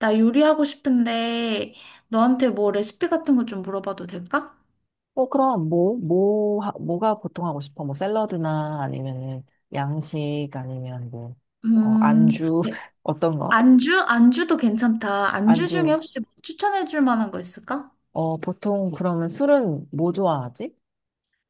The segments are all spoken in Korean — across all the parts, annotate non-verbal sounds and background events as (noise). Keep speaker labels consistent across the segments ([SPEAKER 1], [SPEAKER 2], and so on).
[SPEAKER 1] 나 요리하고 싶은데 너한테 뭐 레시피 같은 거 좀 물어봐도 될까?
[SPEAKER 2] 어, 그럼 뭐가 보통 하고 싶어? 뭐 샐러드나 아니면은 양식 아니면 뭐, 안주
[SPEAKER 1] 네.
[SPEAKER 2] (laughs) 어떤 거?
[SPEAKER 1] 안주? 안주도 괜찮다. 안주 중에
[SPEAKER 2] 안주.
[SPEAKER 1] 혹시 뭐 추천해줄 만한 거 있을까?
[SPEAKER 2] 어, 보통 그러면 술은 뭐 좋아하지?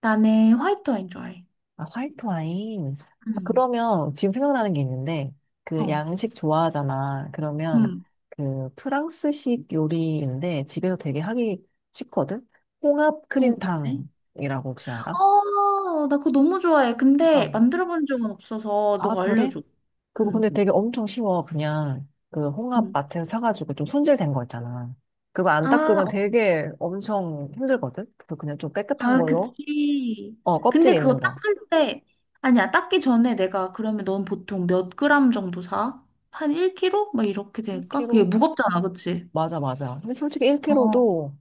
[SPEAKER 1] 나는 화이트 와인 좋아해.
[SPEAKER 2] 아, 화이트 와인. 아,
[SPEAKER 1] 음,
[SPEAKER 2] 그러면 지금 생각나는 게 있는데 그
[SPEAKER 1] 어,
[SPEAKER 2] 양식 좋아하잖아. 그러면
[SPEAKER 1] 음,
[SPEAKER 2] 그 프랑스식 요리인데 집에서 되게 하기 쉽거든? 홍합
[SPEAKER 1] 어, 뭔데?
[SPEAKER 2] 크림탕이라고 혹시 알아?
[SPEAKER 1] 어, 나 그거 너무 좋아해. 근데
[SPEAKER 2] 홍합.
[SPEAKER 1] 만들어 본 적은 없어서
[SPEAKER 2] 아,
[SPEAKER 1] 너가
[SPEAKER 2] 그래?
[SPEAKER 1] 알려줘.
[SPEAKER 2] 그거 근데
[SPEAKER 1] 음,
[SPEAKER 2] 되게 엄청 쉬워. 그냥 그 홍합
[SPEAKER 1] 음.
[SPEAKER 2] 마트에서 사가지고 좀 손질된 거 있잖아. 그거 안
[SPEAKER 1] 아,
[SPEAKER 2] 닦으면 되게 엄청 힘들거든? 그래서 그냥 좀 깨끗한
[SPEAKER 1] 아,
[SPEAKER 2] 걸로.
[SPEAKER 1] 그치.
[SPEAKER 2] 어, 껍질
[SPEAKER 1] 근데 그거
[SPEAKER 2] 있는 거.
[SPEAKER 1] 닦을 때, 아니야, 닦기 전에 내가, 그러면 넌 보통 몇 그램 정도 사? 한 1kg? 막 이렇게 될까? 그게
[SPEAKER 2] 1kg?
[SPEAKER 1] 무겁잖아, 그치?
[SPEAKER 2] 맞아, 맞아. 근데 솔직히
[SPEAKER 1] 어,
[SPEAKER 2] 1kg도,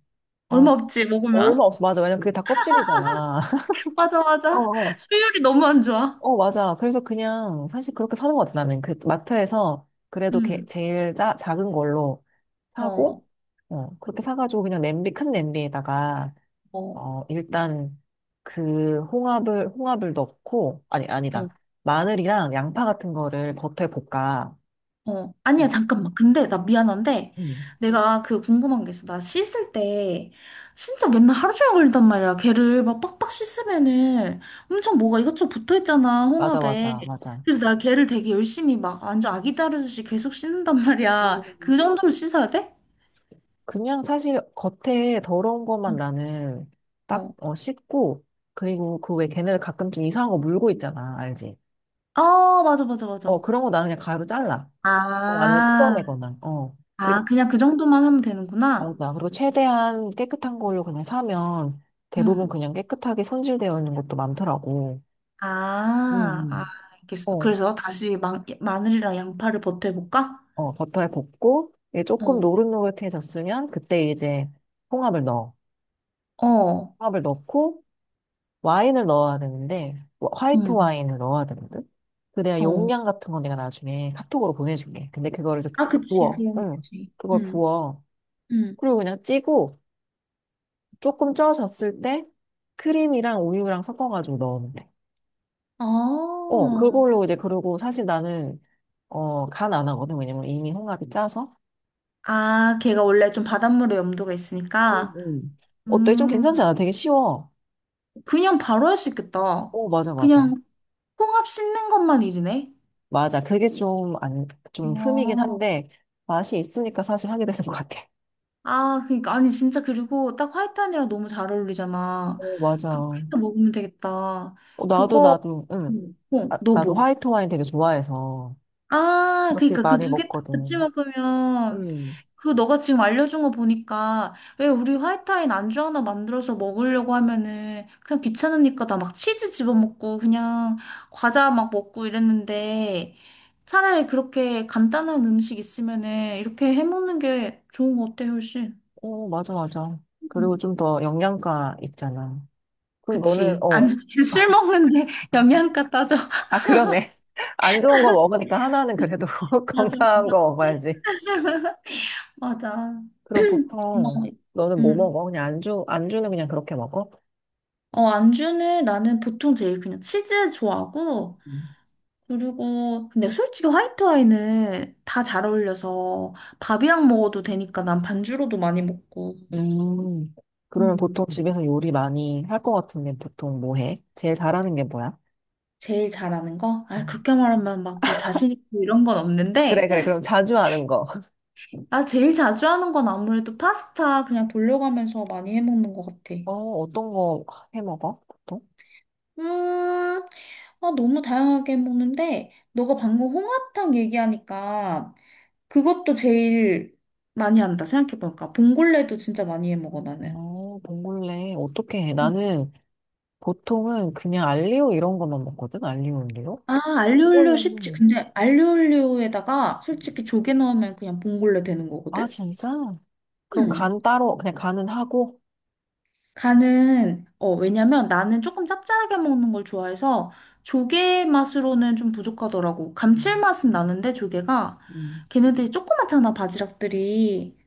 [SPEAKER 2] 어,
[SPEAKER 1] 얼마 없지, 먹으면.
[SPEAKER 2] 얼마 없어. 맞아. 왜냐면 그게 다 껍질이잖아.
[SPEAKER 1] (laughs) 맞아,
[SPEAKER 2] (laughs) 어,
[SPEAKER 1] 맞아.
[SPEAKER 2] 어,
[SPEAKER 1] 수율이 너무 안 좋아.
[SPEAKER 2] 어, 맞아. 그래서 그냥 사실 그렇게 사는 것 같아. 나는 그 마트에서 그래도
[SPEAKER 1] 응,
[SPEAKER 2] 제일 작은 걸로
[SPEAKER 1] 어,
[SPEAKER 2] 사고, 어, 그렇게 사가지고 그냥 냄비, 큰 냄비에다가
[SPEAKER 1] 어,
[SPEAKER 2] 일단 그 홍합을 넣고 아니
[SPEAKER 1] 어.
[SPEAKER 2] 아니다. 마늘이랑 양파 같은 거를 겉에 볶아.
[SPEAKER 1] 어, 아니야,
[SPEAKER 2] 어,
[SPEAKER 1] 잠깐만. 근데 나 미안한데, 응.
[SPEAKER 2] 음.
[SPEAKER 1] 내가 그 궁금한 게 있어. 나 씻을 때, 진짜 맨날 하루 종일 걸린단 말이야. 걔를 막 빡빡 씻으면은 엄청 뭐가 이것저것 붙어 있잖아,
[SPEAKER 2] 맞아
[SPEAKER 1] 홍합에.
[SPEAKER 2] 맞아 맞아.
[SPEAKER 1] 그래서 나 걔를 되게 열심히 막 완전 아기 다루듯이 계속 씻는단 (laughs) 말이야.
[SPEAKER 2] 음.
[SPEAKER 1] 그 정도로 씻어야 돼?
[SPEAKER 2] 그냥 사실 겉에 더러운 것만
[SPEAKER 1] 응.
[SPEAKER 2] 나는 딱
[SPEAKER 1] 어.
[SPEAKER 2] 씻고, 그리고 그 왜 걔네들 가끔씩 이상한 거 물고 있잖아. 알지?
[SPEAKER 1] 어, 맞아, 맞아,
[SPEAKER 2] 어,
[SPEAKER 1] 맞아.
[SPEAKER 2] 그런 거 나는 그냥 가위로 잘라. 어, 아니면
[SPEAKER 1] 아,
[SPEAKER 2] 뜯어내거나. 어.
[SPEAKER 1] 아,
[SPEAKER 2] 그리고
[SPEAKER 1] 그냥 그 정도만 하면 되는구나.
[SPEAKER 2] 맞아. 그리고 최대한 깨끗한 걸로 그냥 사면 대부분
[SPEAKER 1] 응
[SPEAKER 2] 그냥 깨끗하게 손질되어 있는 것도 많더라고. 음,
[SPEAKER 1] 아, 아,
[SPEAKER 2] 음.
[SPEAKER 1] 알겠어.
[SPEAKER 2] 어,
[SPEAKER 1] 그래서 다시 마늘이랑 양파를 버텨볼까?
[SPEAKER 2] 어, 버터에 볶고, 이게 조금
[SPEAKER 1] 어,
[SPEAKER 2] 노릇노릇해졌으면, 그때 이제 홍합을 넣어.
[SPEAKER 1] 어,
[SPEAKER 2] 홍합을 넣고, 와인을 넣어야 되는데, 화이트
[SPEAKER 1] 응.
[SPEAKER 2] 와인을 넣어야 되거든? 그래야
[SPEAKER 1] 어.
[SPEAKER 2] 용량 같은 건 내가 나중에 카톡으로 보내줄게. 근데 그거를 이제
[SPEAKER 1] 아, 그치,
[SPEAKER 2] 부어.
[SPEAKER 1] 그럼
[SPEAKER 2] 응,
[SPEAKER 1] 되지.
[SPEAKER 2] 그걸
[SPEAKER 1] 응,
[SPEAKER 2] 부어.
[SPEAKER 1] 응.
[SPEAKER 2] 그리고 그냥 찌고, 조금 쪄졌을 때, 크림이랑 우유랑 섞어가지고 넣으면 돼. 어,
[SPEAKER 1] 어.
[SPEAKER 2] 그걸로 이제, 그러고 사실 나는, 간 안 하거든. 왜냐면 이미 홍합이 짜서.
[SPEAKER 1] 아, 걔가 원래 좀 바닷물에 염도가
[SPEAKER 2] 음,
[SPEAKER 1] 있으니까,
[SPEAKER 2] 음. 어때? 좀
[SPEAKER 1] 음,
[SPEAKER 2] 괜찮지 않아? 되게 쉬워.
[SPEAKER 1] 그냥 바로 할 수 있겠다.
[SPEAKER 2] 어, 맞아, 맞아.
[SPEAKER 1] 그냥 홍합 씻는 것만 일이네.
[SPEAKER 2] 맞아. 그게 좀, 안, 좀 흠이긴
[SPEAKER 1] 어.
[SPEAKER 2] 한데, 맛이 있으니까 사실 하게 되는 것 같아.
[SPEAKER 1] 아, 그니까, 아니, 진짜, 그리고 딱 화이트 안이랑 너무 잘 어울리잖아.
[SPEAKER 2] 어, 맞아.
[SPEAKER 1] 그렇게
[SPEAKER 2] 어,
[SPEAKER 1] 해서 먹으면 되겠다.
[SPEAKER 2] 나도,
[SPEAKER 1] 그거,
[SPEAKER 2] 나도, 응.
[SPEAKER 1] 어,
[SPEAKER 2] 아,
[SPEAKER 1] 너
[SPEAKER 2] 나도
[SPEAKER 1] 뭐?
[SPEAKER 2] 화이트 와인 되게 좋아해서,
[SPEAKER 1] 아,
[SPEAKER 2] 그렇게
[SPEAKER 1] 그니까, 그
[SPEAKER 2] 많이
[SPEAKER 1] 두 개 같이
[SPEAKER 2] 먹거든.
[SPEAKER 1] 먹으면,
[SPEAKER 2] 응.
[SPEAKER 1] 그 너가 지금 알려준 거 보니까 왜 우리 화이트와인 안주 하나 만들어서 먹으려고 하면은 그냥 귀찮으니까 나 막 치즈 집어먹고 그냥 과자 막 먹고 이랬는데 차라리 그렇게 간단한 음식 있으면은 이렇게 해먹는 게 좋은 거 어때 훨씬?
[SPEAKER 2] 어, 맞아, 맞아. 그리고
[SPEAKER 1] 음.
[SPEAKER 2] 좀 더 영양가 있잖아. 그럼 너는,
[SPEAKER 1] 그치. 아니 (laughs) 술 먹는데 영양가 따져.
[SPEAKER 2] 아, 그러네. (laughs) 안 좋은 거 먹으니까 하나는 그래도 (laughs)
[SPEAKER 1] (laughs)
[SPEAKER 2] 건강한 거
[SPEAKER 1] 맞아.
[SPEAKER 2] 먹어야지.
[SPEAKER 1] 맞아.
[SPEAKER 2] 그럼
[SPEAKER 1] 고마워.
[SPEAKER 2] 보통, 너는 뭐
[SPEAKER 1] 응.
[SPEAKER 2] 먹어? 그냥 안주는 그냥 그렇게 먹어?
[SPEAKER 1] 어, 안주는 나는 보통 제일 그냥 치즈 좋아하고, 그리고 근데 솔직히 화이트 와인은 다 잘 어울려서 밥이랑 먹어도 되니까 난 반주로도 많이 먹고.
[SPEAKER 2] 음, 그러면
[SPEAKER 1] 음.
[SPEAKER 2] 보통 집에서 요리 많이 할 것 같은데 보통 뭐 해? 제일 잘하는 게 뭐야?
[SPEAKER 1] 제일 잘하는 거? 아,
[SPEAKER 2] 음.
[SPEAKER 1] 그렇게 말하면 막 뭐 자신 있고 이런 건
[SPEAKER 2] 그래,
[SPEAKER 1] 없는데.
[SPEAKER 2] 그래.
[SPEAKER 1] (laughs)
[SPEAKER 2] 그럼 자주 하는 거. (laughs)
[SPEAKER 1] 아, 제일 자주 하는 건 아무래도 파스타 그냥 돌려가면서 많이 해 먹는 것 같아.
[SPEAKER 2] 어, 어떤 거 해 먹어? 보통?
[SPEAKER 1] 음, 아 너무 다양하게 해 먹는데 너가 방금 홍합탕 얘기하니까 그것도 제일 많이 한다 생각해보니까 봉골레도 진짜 많이 해 먹어 나는.
[SPEAKER 2] 어, 봉골레 어떻게 해? 나는 보통은 그냥 알리오 이런 것만 먹거든? 알리오 올리오?
[SPEAKER 1] 아, 알리올리오 쉽지.
[SPEAKER 2] 봉골레는
[SPEAKER 1] 근데 알리올리오에다가
[SPEAKER 2] 음,
[SPEAKER 1] 솔직히 조개 넣으면 그냥 봉골레 되는
[SPEAKER 2] 아,
[SPEAKER 1] 거거든?
[SPEAKER 2] 진짜? 그럼
[SPEAKER 1] 음.
[SPEAKER 2] 간 따로 그냥 간은 하고?
[SPEAKER 1] 간은, 어, 왜냐면 나는 조금 짭짤하게 먹는 걸 좋아해서 조개 맛으로는 좀 부족하더라고.
[SPEAKER 2] 음,
[SPEAKER 1] 감칠맛은 나는데 조개가
[SPEAKER 2] 음.
[SPEAKER 1] 걔네들이 조그맣잖아, 바지락들이.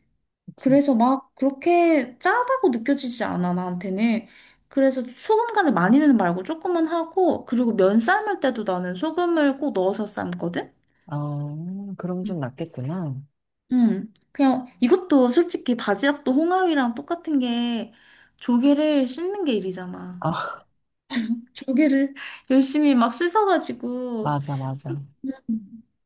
[SPEAKER 2] 그치.
[SPEAKER 1] 그래서 막 그렇게 짜다고 느껴지지 않아, 나한테는. 그래서 소금 간을 많이는 말고 조금은 하고, 그리고 면 삶을 때도 나는 소금을 꼭 넣어서 삶거든?
[SPEAKER 2] 아, 그럼 좀
[SPEAKER 1] 응.
[SPEAKER 2] 낫겠구나.
[SPEAKER 1] 그냥 이것도 솔직히 바지락도 홍합이랑 똑같은 게 조개를 씻는 게 일이잖아.
[SPEAKER 2] 아, (laughs)
[SPEAKER 1] 조개를 열심히 막 씻어가지고.
[SPEAKER 2] 맞아, 맞아.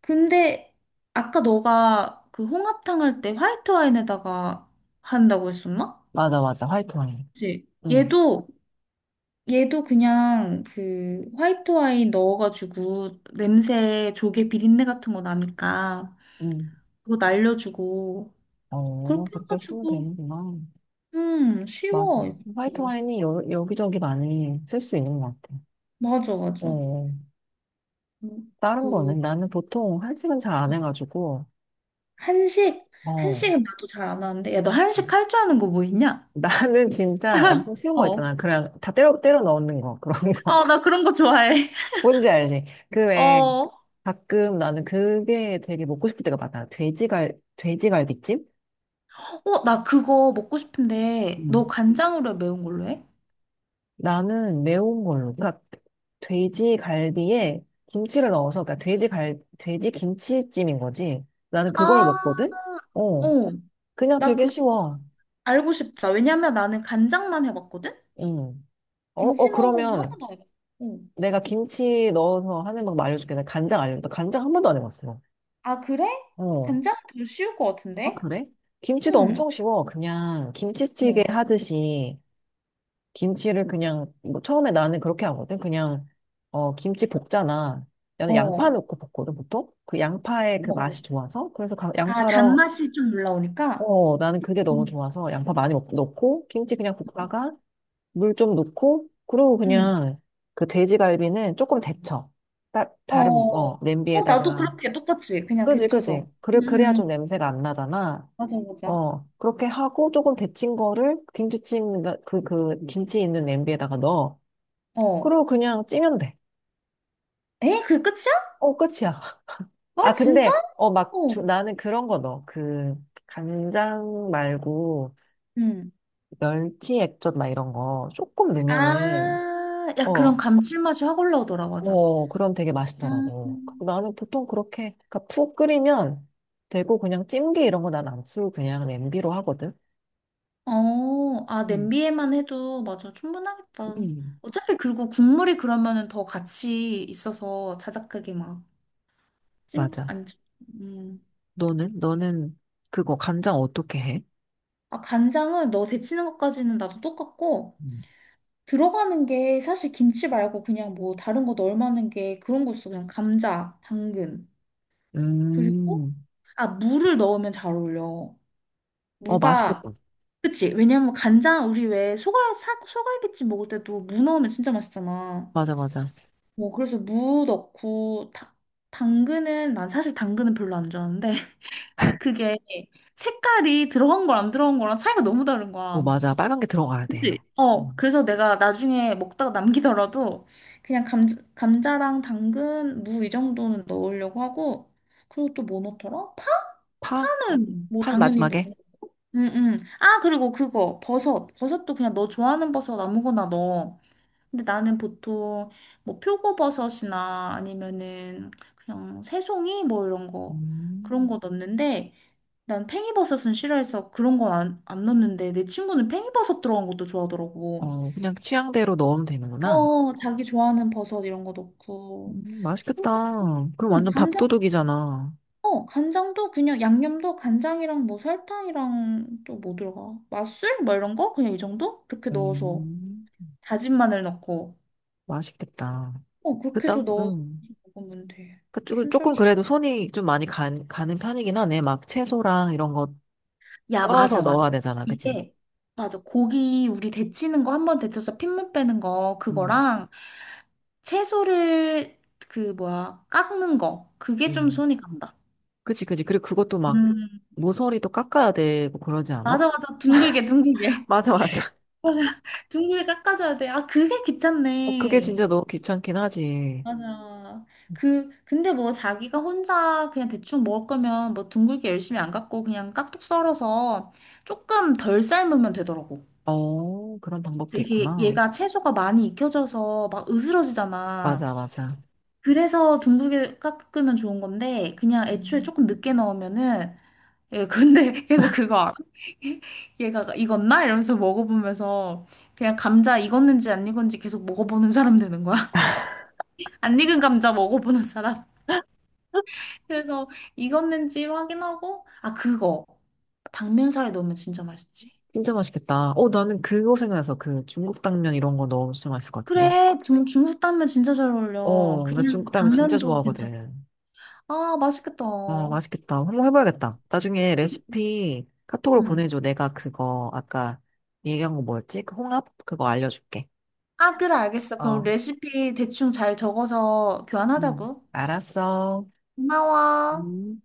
[SPEAKER 1] 근데 아까 너가 그 홍합탕 할 때 화이트 와인에다가 한다고 했었나?
[SPEAKER 2] 맞아, 맞아. 화이트 와인.
[SPEAKER 1] 그치?
[SPEAKER 2] 응.
[SPEAKER 1] 얘도 얘도 그냥 그 화이트 와인 넣어가지고 냄새 조개 비린내 같은 거 나니까
[SPEAKER 2] 음.
[SPEAKER 1] 그거 날려주고
[SPEAKER 2] 어,
[SPEAKER 1] 그렇게
[SPEAKER 2] 그렇게 쓰면
[SPEAKER 1] 해가지고
[SPEAKER 2] 되는구나. 맞아.
[SPEAKER 1] 쉬워,
[SPEAKER 2] 화이트
[SPEAKER 1] 이것도.
[SPEAKER 2] 와인이 여기저기 많이 쓸 수 있는 것 같아.
[SPEAKER 1] 맞아,
[SPEAKER 2] 예,
[SPEAKER 1] 맞아.
[SPEAKER 2] 예.
[SPEAKER 1] 음,
[SPEAKER 2] 다른
[SPEAKER 1] 그,
[SPEAKER 2] 거는 나는 보통 한식은 잘 안 해가지고,
[SPEAKER 1] 한식,
[SPEAKER 2] 어.
[SPEAKER 1] 한식은 나도 잘 안 하는데, 야, 너 한식 할
[SPEAKER 2] (laughs)
[SPEAKER 1] 줄 아는 거 뭐 있냐?
[SPEAKER 2] 나는 진짜 엄청 쉬운 거
[SPEAKER 1] 어.
[SPEAKER 2] 있잖아. 그냥 다 때려 넣는 거. 그런 거.
[SPEAKER 1] 아, 나 그런 거 좋아해.
[SPEAKER 2] (laughs)
[SPEAKER 1] (laughs)
[SPEAKER 2] 뭔지 알지? 그
[SPEAKER 1] 어,
[SPEAKER 2] 외에
[SPEAKER 1] 어,
[SPEAKER 2] 가끔 나는 그게 되게 먹고 싶을 때가 많아. 돼지갈비찜?
[SPEAKER 1] 나 그거 먹고 싶은데, 너
[SPEAKER 2] 음.
[SPEAKER 1] 간장으로 해? 매운 걸로 해?
[SPEAKER 2] 나는 매운 걸로. 그러니까 돼지 갈비에 김치를 넣어서, 그러니까 돼지 김치찜인 거지. 나는 그걸
[SPEAKER 1] 아,
[SPEAKER 2] 먹거든?
[SPEAKER 1] 어,
[SPEAKER 2] 어. 그냥
[SPEAKER 1] 나
[SPEAKER 2] 되게
[SPEAKER 1] 그거
[SPEAKER 2] 쉬워.
[SPEAKER 1] 알고 싶다. 왜냐면 나는 간장만 해봤거든?
[SPEAKER 2] 응. 어,
[SPEAKER 1] 김치
[SPEAKER 2] 어,
[SPEAKER 1] 넣은 건 한
[SPEAKER 2] 그러면
[SPEAKER 1] 번도 안 해봤어. 어.
[SPEAKER 2] 내가 김치 넣어서 하는 방법 알려줄게. 내가 간장 알려줄게. 나 간장 한 번도 안 해봤어.
[SPEAKER 1] 아, 그래?
[SPEAKER 2] 어.
[SPEAKER 1] 간장은 더 쉬울 것
[SPEAKER 2] 아,
[SPEAKER 1] 같은데?
[SPEAKER 2] 그래? 김치도
[SPEAKER 1] 응.
[SPEAKER 2] 엄청 쉬워. 그냥 김치찌개
[SPEAKER 1] 어,
[SPEAKER 2] 하듯이. 김치를 그냥 뭐 처음에 나는 그렇게 하거든. 그냥 김치 볶잖아. 나는 양파
[SPEAKER 1] 어,
[SPEAKER 2] 넣고 볶거든 보통. 그 양파의 그
[SPEAKER 1] 어.
[SPEAKER 2] 맛이 좋아서, 그래서
[SPEAKER 1] 아,
[SPEAKER 2] 양파랑,
[SPEAKER 1] 단맛이 좀 올라오니까.
[SPEAKER 2] 어 나는 그게 너무
[SPEAKER 1] 음.
[SPEAKER 2] 좋아서 양파 많이 넣고 김치 그냥 볶다가 물 좀 넣고 그리고
[SPEAKER 1] 음.
[SPEAKER 2] 그냥 그 돼지갈비는 조금 데쳐.
[SPEAKER 1] 어,
[SPEAKER 2] 다른
[SPEAKER 1] 어, 나도
[SPEAKER 2] 냄비에다가.
[SPEAKER 1] 그렇게 똑같이 그냥
[SPEAKER 2] 그지
[SPEAKER 1] 데쳐서.
[SPEAKER 2] 그지. 그래,
[SPEAKER 1] 음,
[SPEAKER 2] 그래야
[SPEAKER 1] 음, 음.
[SPEAKER 2] 좀 냄새가 안 나잖아.
[SPEAKER 1] 맞아, 맞아.
[SPEAKER 2] 어, 그렇게 하고 조금 데친 거를 김치찜, 김치 있는 냄비에다가 넣어.
[SPEAKER 1] 어.
[SPEAKER 2] 그리고 그냥 찌면 돼.
[SPEAKER 1] 에? 그게 끝이야?
[SPEAKER 2] 어, 끝이야.
[SPEAKER 1] 와,
[SPEAKER 2] 아,
[SPEAKER 1] 진짜?
[SPEAKER 2] 근데, 막,
[SPEAKER 1] 어.
[SPEAKER 2] 나는 그런 거 넣어. 그, 간장 말고,
[SPEAKER 1] 음.
[SPEAKER 2] 멸치 액젓 막 이런 거 조금 넣으면은,
[SPEAKER 1] 아, 야, 그런
[SPEAKER 2] 어,
[SPEAKER 1] 감칠맛이 확 올라오더라, 맞아.
[SPEAKER 2] 어, 그럼 되게
[SPEAKER 1] 음.
[SPEAKER 2] 맛있더라고. 그리고 나는 보통 그렇게, 그니까 푹 끓이면 되고, 그냥 찜기 이런 거 난 안 쓰고 그냥 냄비로 하거든.
[SPEAKER 1] 어, 아,
[SPEAKER 2] 음,
[SPEAKER 1] 냄비에만 해도, 맞아, 충분하겠다.
[SPEAKER 2] 음,
[SPEAKER 1] 어차피, 그리고 국물이 그러면은 더 같이 있어서 자작하게 막 찜,
[SPEAKER 2] 맞아.
[SPEAKER 1] 안, 찜- 음.
[SPEAKER 2] 너는? 너는 그거 간장 어떻게 해?
[SPEAKER 1] 아, 간장은 너 데치는 것까지는 나도 똑같고,
[SPEAKER 2] 음,
[SPEAKER 1] 들어가는 게 사실 김치 말고 그냥 뭐 다른 거 넣을만한 게 그런 거 있어. 그냥 감자, 당근. 그리고,
[SPEAKER 2] 음.
[SPEAKER 1] 아, 무를 넣으면 잘 어울려.
[SPEAKER 2] 어,
[SPEAKER 1] 무가,
[SPEAKER 2] 맛있겠다.
[SPEAKER 1] 그치? 왜냐면 간장, 우리 왜 소갈비찜 먹을 때도 무 넣으면 진짜 맛있잖아.
[SPEAKER 2] 맞아, 맞아.
[SPEAKER 1] 뭐, 그래서 무 넣고, 다, 당근은, 난 사실 당근은 별로 안 좋아하는데, (laughs) 그게 색깔이 들어간 거랑 안 들어간 거랑 차이가 너무 다른
[SPEAKER 2] 어,
[SPEAKER 1] 거야.
[SPEAKER 2] 맞아. 빨간 게 들어가야
[SPEAKER 1] 그치?
[SPEAKER 2] 돼.
[SPEAKER 1] 어,
[SPEAKER 2] 음.
[SPEAKER 1] 그래서 내가 나중에 먹다가 남기더라도 그냥 감자, 감자랑 당근, 무 이 정도는 넣으려고 하고 그리고 또 뭐 넣더라? 파?
[SPEAKER 2] 파?
[SPEAKER 1] 파는 뭐
[SPEAKER 2] 파는
[SPEAKER 1] 당연히
[SPEAKER 2] 마지막에?
[SPEAKER 1] 넣네. 응, 응. 아, 그리고 그거 버섯. 버섯도 그냥 너 좋아하는 버섯 아무거나 넣어. 근데 나는 보통 뭐 표고버섯이나 아니면은 그냥 새송이 뭐 이런 거 그런
[SPEAKER 2] 음.
[SPEAKER 1] 거 넣는데 난 팽이버섯은 싫어해서 그런 건 안 넣는데 내 친구는 팽이버섯 들어간 것도 좋아하더라고.
[SPEAKER 2] 어, 그냥 취향대로 넣으면 되는구나.
[SPEAKER 1] 어, 자기 좋아하는 버섯 이런 거 넣고.
[SPEAKER 2] 맛있겠다. 그럼
[SPEAKER 1] 응,
[SPEAKER 2] 완전
[SPEAKER 1] 간장,
[SPEAKER 2] 밥도둑이잖아.
[SPEAKER 1] 어, 간장도 그냥 양념도 간장이랑 뭐 설탕이랑 또 뭐 들어가? 맛술? 뭐 이런 거? 그냥 이 정도? 그렇게 넣어서
[SPEAKER 2] 음,
[SPEAKER 1] 다진 마늘 넣고.
[SPEAKER 2] 맛있겠다.
[SPEAKER 1] 어, 그렇게
[SPEAKER 2] 그다,
[SPEAKER 1] 해서 넣어서
[SPEAKER 2] 음.
[SPEAKER 1] 먹으면 돼.
[SPEAKER 2] 조금
[SPEAKER 1] 진짜
[SPEAKER 2] 조금
[SPEAKER 1] 쉽-
[SPEAKER 2] 그래도 손이 좀 많이 가는 편이긴 하네. 막 채소랑 이런 거
[SPEAKER 1] 야,
[SPEAKER 2] 썰어서
[SPEAKER 1] 맞아, 맞아.
[SPEAKER 2] 넣어야 되잖아. 그치?
[SPEAKER 1] 이게, 맞아. 고기 우리 데치는 거 한 번 데쳐서 핏물 빼는 거,
[SPEAKER 2] 음,
[SPEAKER 1] 그거랑 채소를 그 뭐야, 깎는 거. 그게 좀
[SPEAKER 2] 음.
[SPEAKER 1] 손이 간다.
[SPEAKER 2] 그치, 그치. 그리고 그것도 막
[SPEAKER 1] 음.
[SPEAKER 2] 모서리도 깎아야 되고 그러지
[SPEAKER 1] 맞아,
[SPEAKER 2] 않아?
[SPEAKER 1] 맞아. 둥글게,
[SPEAKER 2] (laughs)
[SPEAKER 1] 둥글게.
[SPEAKER 2] 맞아, 맞아.
[SPEAKER 1] 맞아. 둥글게 깎아줘야 돼. 아, 그게
[SPEAKER 2] 어, 그게
[SPEAKER 1] 귀찮네.
[SPEAKER 2] 진짜 너무 귀찮긴 하지.
[SPEAKER 1] 맞아. 그, 근데 뭐 자기가 혼자 그냥 대충 먹을 거면 뭐 둥글게 열심히 안 깎고 그냥 깍둑 썰어서 조금 덜 삶으면 되더라고.
[SPEAKER 2] 어, 그런 방법도
[SPEAKER 1] 이게
[SPEAKER 2] 있구나.
[SPEAKER 1] 얘가 채소가 많이 익혀져서 막 으스러지잖아.
[SPEAKER 2] 맞아, 맞아.
[SPEAKER 1] 그래서 둥글게 깎으면 좋은 건데 그냥 애초에
[SPEAKER 2] 음,
[SPEAKER 1] 조금 늦게 넣으면은 예, 근데 (laughs) 계속 그거 알아? (laughs) 얘가 익었나? 이러면서 먹어보면서 그냥 감자 익었는지 안 익었는지 계속 먹어보는 사람 되는 거야. (laughs) 안 익은 감자 먹어보는 사람. 그래서 익었는지 확인하고, 아, 그거. 당면살에 넣으면 진짜 맛있지.
[SPEAKER 2] 진짜 맛있겠다. 어, 나는 그거 생각나서 그 중국 당면 이런 거 너무 진짜 맛있을 것 같은데.
[SPEAKER 1] 그래, 중국 당면 진짜 잘 어울려.
[SPEAKER 2] 어, 나
[SPEAKER 1] 그냥
[SPEAKER 2] 중국 당면 진짜
[SPEAKER 1] 당면도 괜찮아.
[SPEAKER 2] 좋아하거든.
[SPEAKER 1] 아, 맛있겠다.
[SPEAKER 2] 어, 맛있겠다. 한번 해봐야겠다. 나중에 레시피 카톡으로
[SPEAKER 1] 음.
[SPEAKER 2] 보내줘. 내가 그거 아까 얘기한 거 뭐였지? 그 홍합? 그거 알려줄게.
[SPEAKER 1] 아, 그래, 알겠어. 그럼
[SPEAKER 2] 어,
[SPEAKER 1] 레시피 대충 잘 적어서 교환하자고.
[SPEAKER 2] 알았어.
[SPEAKER 1] 고마워.
[SPEAKER 2] 음.